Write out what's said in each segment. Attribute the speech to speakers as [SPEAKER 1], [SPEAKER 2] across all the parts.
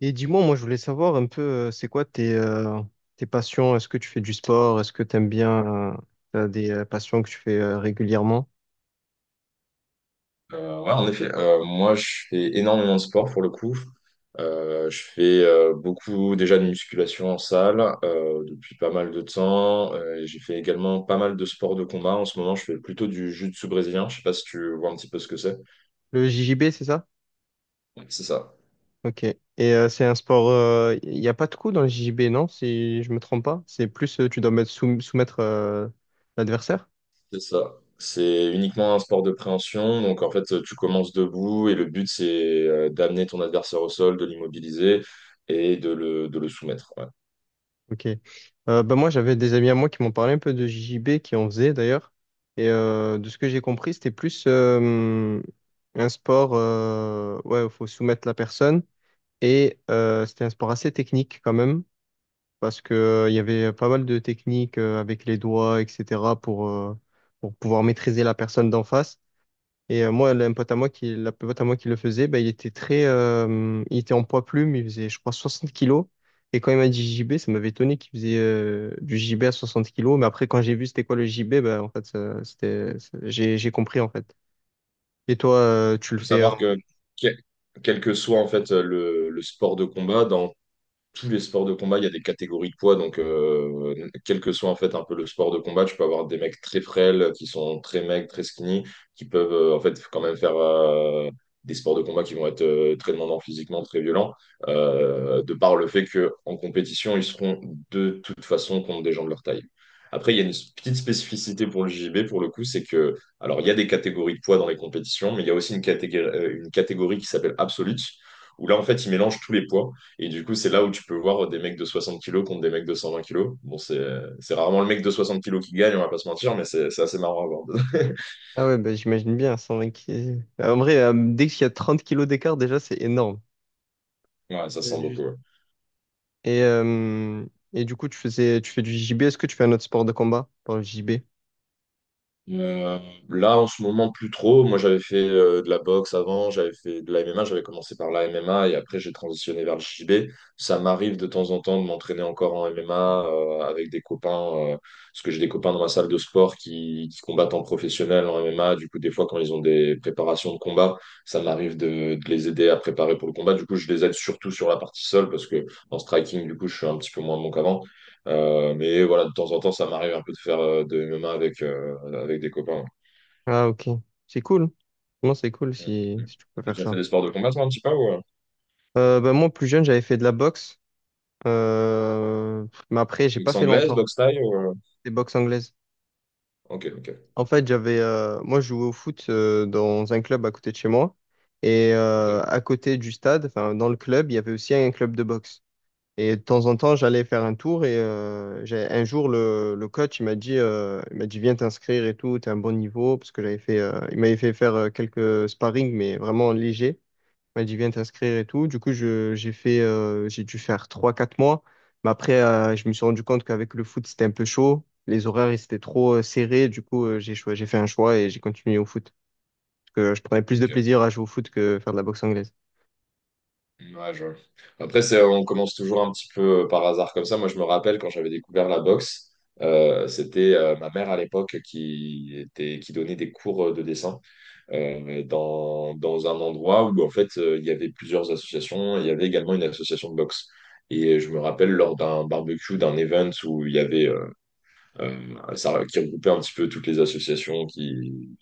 [SPEAKER 1] Et dis-moi, moi je voulais savoir un peu, c'est quoi tes, tes passions? Est-ce que tu fais du sport? Est-ce que tu aimes bien, euh, t'as des passions que tu fais régulièrement?
[SPEAKER 2] Ouais, en effet, moi je fais énormément de sport pour le coup. Je fais beaucoup déjà de musculation en salle depuis pas mal de temps. Et j'ai fait également pas mal de sports de combat. En ce moment, je fais plutôt du jiu-jitsu brésilien. Je sais pas si tu vois un petit peu ce que c'est.
[SPEAKER 1] Le JJB, c'est ça?
[SPEAKER 2] Ouais, C'est ça,
[SPEAKER 1] Ok. Et c'est un sport, il n'y a pas de coup dans le JJB, non? Si je me trompe pas. C'est plus, tu dois soumettre l'adversaire?
[SPEAKER 2] c'est ça. C'est uniquement un sport de préhension. Donc en fait, tu commences debout et le but c'est d'amener ton adversaire au sol, de l'immobiliser et de le soumettre. Ouais.
[SPEAKER 1] Ok. Bah moi, j'avais des amis à moi qui m'ont parlé un peu de JJB, qui en faisaient d'ailleurs. Et de ce que j'ai compris, c'était plus un sport, ouais, il faut soumettre la personne. Et c'était un sport assez technique quand même, parce que il y avait pas mal de techniques avec les doigts, etc., pour pouvoir maîtriser la personne d'en face. Et moi, un pote à moi la pote à moi qui le faisait, ben, il était il était en poids plume, il faisait, je crois, 60 kilos. Et quand il m'a dit JB, ça m'avait étonné qu'il faisait du JB à 60 kilos. Mais après, quand j'ai vu c'était quoi le JB, ben, en fait, j'ai compris, en fait. Et toi, tu
[SPEAKER 2] Il
[SPEAKER 1] le
[SPEAKER 2] faut
[SPEAKER 1] fais.
[SPEAKER 2] savoir que quel que soit en fait le sport de combat, dans tous les sports de combat, il y a des catégories de poids. Donc, quel que soit en fait un peu le sport de combat, tu peux avoir des mecs très frêles, qui sont très maigres, très skinny, qui peuvent en fait quand même faire des sports de combat qui vont être très demandants physiquement, très violents, de par le fait que en compétition, ils seront de toute façon contre des gens de leur taille. Après, il y a une petite spécificité pour le JJB, pour le coup, c'est que, alors, il y a des catégories de poids dans les compétitions, mais il y a aussi une catégorie qui s'appelle Absolute, où là, en fait, ils mélangent tous les poids. Et du coup, c'est là où tu peux voir des mecs de 60 kilos contre des mecs de 120 kilos. Bon, c'est rarement le mec de 60 kilos qui gagne, on va pas se mentir, mais c'est assez marrant à voir.
[SPEAKER 1] Ah ouais, bah, j'imagine bien, 120 kilos. En vrai, dès qu'il y a 30 kilos d'écart, déjà, c'est énorme.
[SPEAKER 2] Ouais, ça
[SPEAKER 1] Euh,
[SPEAKER 2] sent beaucoup,
[SPEAKER 1] juste-
[SPEAKER 2] ouais.
[SPEAKER 1] Et, euh, et du coup, tu fais du JB. Est-ce que tu fais un autre sport de combat par le JB?
[SPEAKER 2] Euh, Là, en ce moment, plus trop. Moi, j'avais fait de la boxe avant, j'avais fait de la MMA, j'avais commencé par la MMA et après, j'ai transitionné vers le JB. Ça m'arrive de temps en temps de m'entraîner encore en MMA avec des copains, parce que j'ai des copains dans ma salle de sport qui combattent en professionnel en MMA. Du coup, des fois, quand ils ont des préparations de combat, ça m'arrive de les aider à préparer pour le combat. Du coup, je les aide surtout sur la partie seule parce que en striking, du coup, je suis un petit peu moins bon qu'avant. Mais voilà, de temps en temps, ça m'arrive un peu de faire de MMA avec, avec des copains.
[SPEAKER 1] Ah, ok. C'est cool. Non, c'est cool
[SPEAKER 2] Mm,
[SPEAKER 1] si,
[SPEAKER 2] mm.
[SPEAKER 1] si tu peux
[SPEAKER 2] T'as
[SPEAKER 1] faire
[SPEAKER 2] déjà fait
[SPEAKER 1] ça.
[SPEAKER 2] des sports de combat, toi, un petit peu, ou,
[SPEAKER 1] Bah, moi, plus jeune, j'avais fait de la boxe. Mais après, j'ai pas
[SPEAKER 2] boxe
[SPEAKER 1] fait
[SPEAKER 2] anglaise,
[SPEAKER 1] longtemps.
[SPEAKER 2] boxe thaï, ou,
[SPEAKER 1] Des boxes anglaises.
[SPEAKER 2] Ok, ok,
[SPEAKER 1] En fait, moi, je jouais au foot dans un club à côté de chez moi. Et
[SPEAKER 2] ok,
[SPEAKER 1] à côté du stade, enfin, dans le club, il y avait aussi un club de boxe. Et de temps en temps, j'allais faire un tour et un jour, le coach, il m'a dit, viens t'inscrire et tout, t'es à un bon niveau, parce que j'avais fait, il m'avait fait faire quelques sparring, mais vraiment léger. Il m'a dit, viens t'inscrire et tout. Du coup, j'ai fait, j'ai dû faire trois quatre mois. Mais après, je me suis rendu compte qu'avec le foot, c'était un peu chaud. Les horaires, ils étaient trop serrés. Du coup, j'ai fait un choix et j'ai continué au foot. Parce que je prenais plus de
[SPEAKER 2] ok.
[SPEAKER 1] plaisir à jouer au foot que faire de la boxe anglaise.
[SPEAKER 2] Ouais, Après, on commence toujours un petit peu par hasard comme ça. Moi, je me rappelle quand j'avais découvert la boxe, c'était ma mère à l'époque qui donnait des cours de dessin, dans, dans un endroit où en fait il y avait plusieurs associations, il y avait également une association de boxe. Et je me rappelle lors d'un barbecue, d'un event où il y avait euh, ça qui regroupait un petit peu toutes les associations qui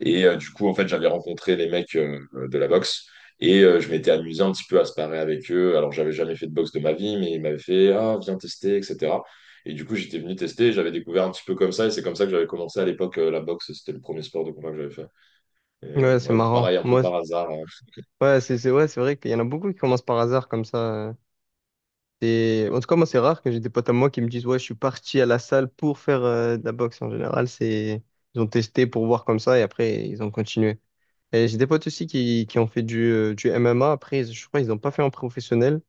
[SPEAKER 2] et du coup en fait j'avais rencontré les mecs de la boxe et je m'étais amusé un petit peu à se parer avec eux. Alors j'avais jamais fait de boxe de ma vie, mais ils m'avaient fait ah viens tester etc. Et du coup j'étais venu tester, j'avais découvert un petit peu comme ça et c'est comme ça que j'avais commencé à l'époque la boxe. C'était le premier sport de combat que j'avais fait.
[SPEAKER 1] Ouais, c'est
[SPEAKER 2] Ouais,
[SPEAKER 1] marrant.
[SPEAKER 2] pareil, un peu
[SPEAKER 1] Moi,
[SPEAKER 2] par hasard, hein.
[SPEAKER 1] ouais, c'est ouais, c'est vrai qu'il y en a beaucoup qui commencent par hasard comme ça. euh. Et en tout cas, moi, c'est rare que j'ai des potes à moi qui me disent, ouais, je suis parti à la salle pour faire de la boxe. En général, c'est ils ont testé pour voir comme ça et après ils ont continué. Et j'ai des potes aussi qui ont fait du MMA. Après, je crois qu'ils n'ont pas fait en professionnel.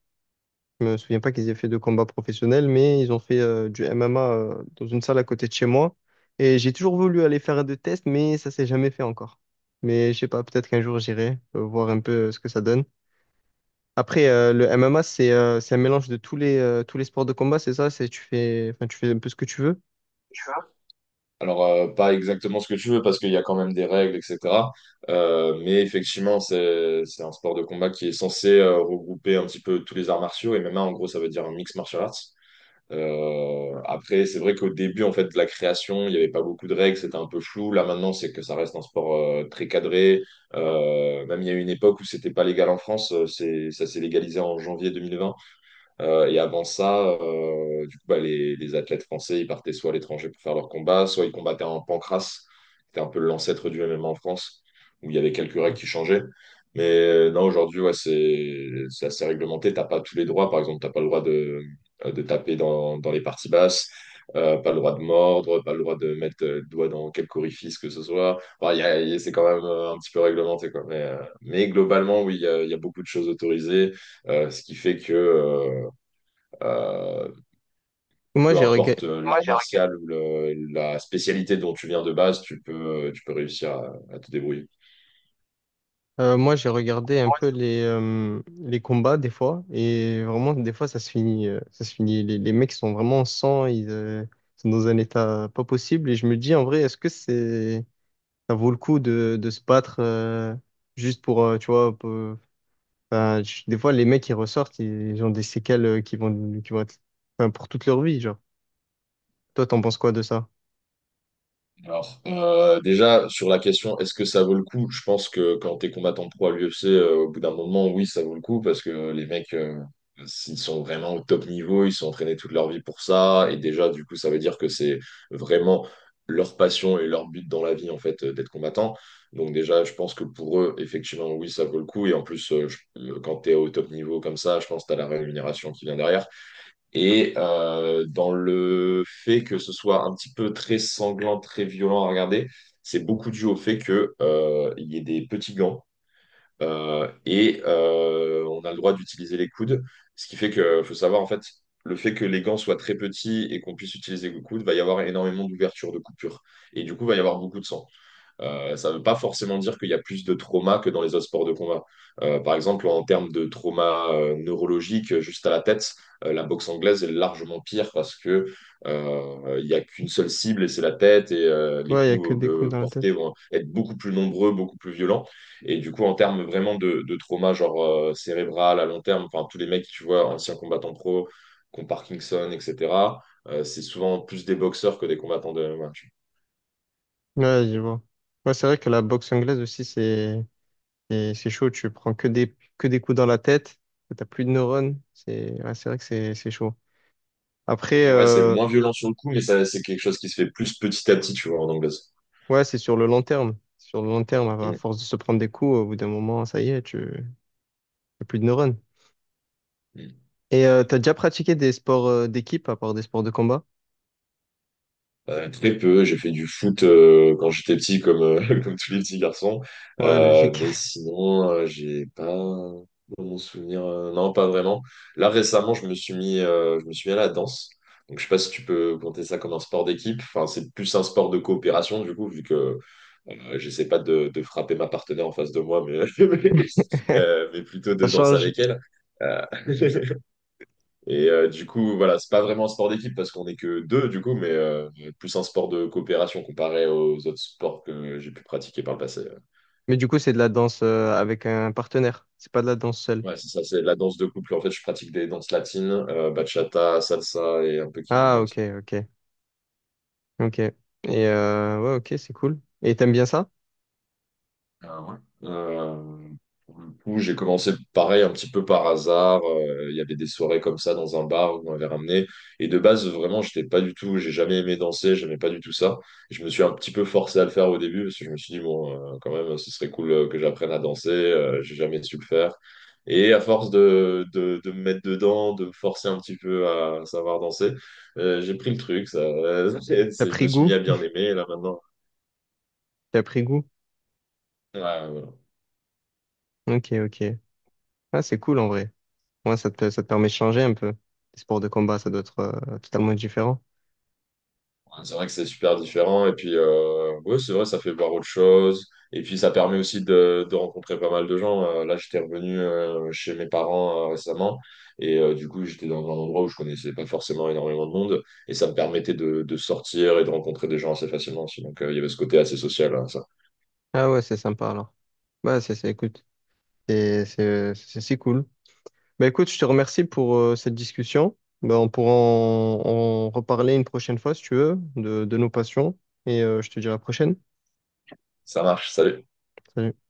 [SPEAKER 1] Je me souviens pas qu'ils aient fait de combat professionnel, mais ils ont fait du MMA dans une salle à côté de chez moi. Et j'ai toujours voulu aller faire des tests, mais ça s'est jamais fait encore. Mais je sais pas, peut-être qu'un jour j'irai voir un peu ce que ça donne. Après, le MMA, c'est un mélange de tous les sports de combat, c'est ça? C'est, tu fais, enfin, tu fais un peu ce que tu veux.
[SPEAKER 2] Alors, pas exactement ce que tu veux parce qu'il y a quand même des règles, etc. Mais effectivement, c'est un sport de combat qui est censé regrouper un petit peu tous les arts martiaux. Et même en gros, ça veut dire un mix martial arts. Après, c'est vrai qu'au début, en fait, de la création, il n'y avait pas beaucoup de règles, c'était un peu flou. Là, maintenant, c'est que ça reste un sport très cadré. Même il y a eu une époque où c'était pas légal en France. C'est, ça s'est légalisé en janvier 2020. Et avant ça, du coup, bah, les athlètes français, ils partaient soit à l'étranger pour faire leur combat, soit ils combattaient en pancrace, qui était un peu l'ancêtre du MMA en France, où il y avait quelques règles qui changeaient. Mais non, aujourd'hui, ouais, c'est assez réglementé. T'as pas tous les droits. Par exemple, t'as pas le droit de taper dans les parties basses, pas le droit de mordre, pas le droit de mettre le doigt dans quelque orifice que ce soit. Enfin, c'est quand même un petit peu réglementé, quoi. Mais globalement, oui, il y a beaucoup de choses autorisées, ce qui fait que euh,
[SPEAKER 1] Moi,
[SPEAKER 2] peu
[SPEAKER 1] j'ai rega-
[SPEAKER 2] importe l'art Moi, j'ai martial ou la spécialité dont tu viens de base, tu peux réussir à te débrouiller.
[SPEAKER 1] moi, j'ai regardé un peu les combats des fois, et vraiment, des fois, ça se finit. Les mecs sont vraiment en sang, ils sont dans un état pas possible, et je me dis, en vrai, ça vaut le coup de se battre juste pour, tu vois, des fois, les mecs, ils ressortent, ils ont des séquelles qui vont être, enfin, pour toute leur vie, genre. Toi, t'en penses quoi de ça?
[SPEAKER 2] Alors, déjà, sur la question, est-ce que ça vaut le coup? Je pense que quand t'es combattant pro à l'UFC, au bout d'un moment, oui, ça vaut le coup parce que les mecs, s'ils sont vraiment au top niveau, ils sont entraînés toute leur vie pour ça. Et déjà, du coup, ça veut dire que c'est vraiment leur passion et leur but dans la vie, en fait, d'être combattant. Donc, déjà, je pense que pour eux, effectivement, oui, ça vaut le coup. Et en plus, quand t'es au top niveau comme ça, je pense que t'as la rémunération qui vient derrière et dans le fait que ce soit un petit peu très sanglant, très violent à regarder, c'est beaucoup dû au fait que il y ait des petits gants et on a le droit d'utiliser les coudes, ce qui fait que faut savoir en fait le fait que les gants soient très petits et qu'on puisse utiliser le coude, va y avoir énormément d'ouvertures, de coupures et du coup va y avoir beaucoup de sang. Ça ne veut pas forcément dire qu'il y a plus de trauma que dans les autres sports de combat. Par exemple, en termes de trauma neurologique, juste à la tête, la boxe anglaise est largement pire parce que il n'y a qu'une seule cible et c'est la tête et les
[SPEAKER 1] Ouais, il y a que
[SPEAKER 2] coups
[SPEAKER 1] des coups dans la
[SPEAKER 2] portés
[SPEAKER 1] tête.
[SPEAKER 2] vont être beaucoup plus nombreux, beaucoup plus violents. Et du coup, en termes vraiment de trauma, genre cérébral à long terme, enfin tous les mecs, tu vois, anciens combattants pro, qui ont Parkinson, etc., c'est souvent plus des boxeurs que des combattants de MMA.
[SPEAKER 1] Ouais, je vois. Ouais, c'est vrai que la boxe anglaise aussi, c'est chaud. Tu prends que des coups dans la tête. T'as plus de neurones. C'est ouais, c'est vrai que c'est chaud.
[SPEAKER 2] Et
[SPEAKER 1] Après,
[SPEAKER 2] puis ouais, c'est moins violent sur le coup, mais ça, c'est quelque chose qui se fait plus petit à petit, tu vois, en anglaise.
[SPEAKER 1] ouais, c'est sur le long terme. Sur le long terme, à
[SPEAKER 2] Mm.
[SPEAKER 1] force de se prendre des coups, au bout d'un moment, ça y est, tu t'as plus de neurones.
[SPEAKER 2] Mm.
[SPEAKER 1] Et t'as déjà pratiqué des sports d'équipe à part des sports de combat?
[SPEAKER 2] Très peu. J'ai fait du foot quand j'étais petit, comme, comme tous les petits garçons.
[SPEAKER 1] Ouais, logique.
[SPEAKER 2] Mais sinon, j'ai pas dans mon souvenir, non, pas vraiment. Là, récemment, je me suis mis à la danse. Donc, je sais pas si tu peux compter ça comme un sport d'équipe. Enfin, c'est plus un sport de coopération, du coup, vu que j'essaie pas de frapper ma partenaire en face de moi, mais, mais plutôt de
[SPEAKER 1] Ça
[SPEAKER 2] danser
[SPEAKER 1] change.
[SPEAKER 2] avec elle. Euh, Et du coup, voilà, c'est pas vraiment un sport d'équipe parce qu'on est que deux, du coup, mais plus un sport de coopération comparé aux autres sports que j'ai pu pratiquer par le passé.
[SPEAKER 1] Mais du coup, c'est de la danse avec un partenaire. C'est pas de la danse seule.
[SPEAKER 2] Ouais, c'est ça, c'est la danse de couple. En fait, je pratique des danses latines, bachata, salsa et un peu
[SPEAKER 1] Ah,
[SPEAKER 2] kizomba
[SPEAKER 1] ok,
[SPEAKER 2] aussi.
[SPEAKER 1] ok, ok. Et ouais, ok, c'est cool. Et t'aimes bien ça?
[SPEAKER 2] Ah ouais. Euh, pour le coup, j'ai commencé pareil un petit peu par hasard. Il y avait des soirées comme ça dans un bar où on m'avait ramené. Et de base, vraiment, j'étais pas du tout, j'ai jamais aimé danser, j'aimais pas du tout ça. Je me suis un petit peu forcé à le faire au début parce que je me suis dit, bon, quand même, ce serait cool que j'apprenne à danser. J'ai jamais su le faire. Et à force de me mettre dedans, de me forcer un petit peu à savoir danser, j'ai pris le truc. Ça,
[SPEAKER 1] T'as
[SPEAKER 2] je
[SPEAKER 1] pris
[SPEAKER 2] me suis mis
[SPEAKER 1] goût?
[SPEAKER 2] à bien aimer. Et là maintenant,
[SPEAKER 1] T'as pris goût?
[SPEAKER 2] ouais, voilà.
[SPEAKER 1] Ok, ok. Ah, c'est cool en vrai. Ouais, ça te permet de changer un peu. Les sports de combat, ça doit être totalement différent.
[SPEAKER 2] Ouais, c'est vrai que c'est super différent. Et puis, ouais, c'est vrai, ça fait voir autre chose. Et puis, ça permet aussi de rencontrer pas mal de gens. Là, j'étais revenu chez mes parents récemment. Et du coup, j'étais dans un endroit où je connaissais pas forcément énormément de monde. Et ça me permettait de sortir et de rencontrer des gens assez facilement aussi. Donc, il y avait ce côté assez social, hein, ça.
[SPEAKER 1] Ah ouais, c'est sympa alors. Bah, écoute, c'est cool. Bah, écoute, je te remercie pour cette discussion. Bah, on pourra en reparler une prochaine fois si tu veux de nos passions. Et je te dis à la prochaine.
[SPEAKER 2] Ça marche. Salut.
[SPEAKER 1] Salut.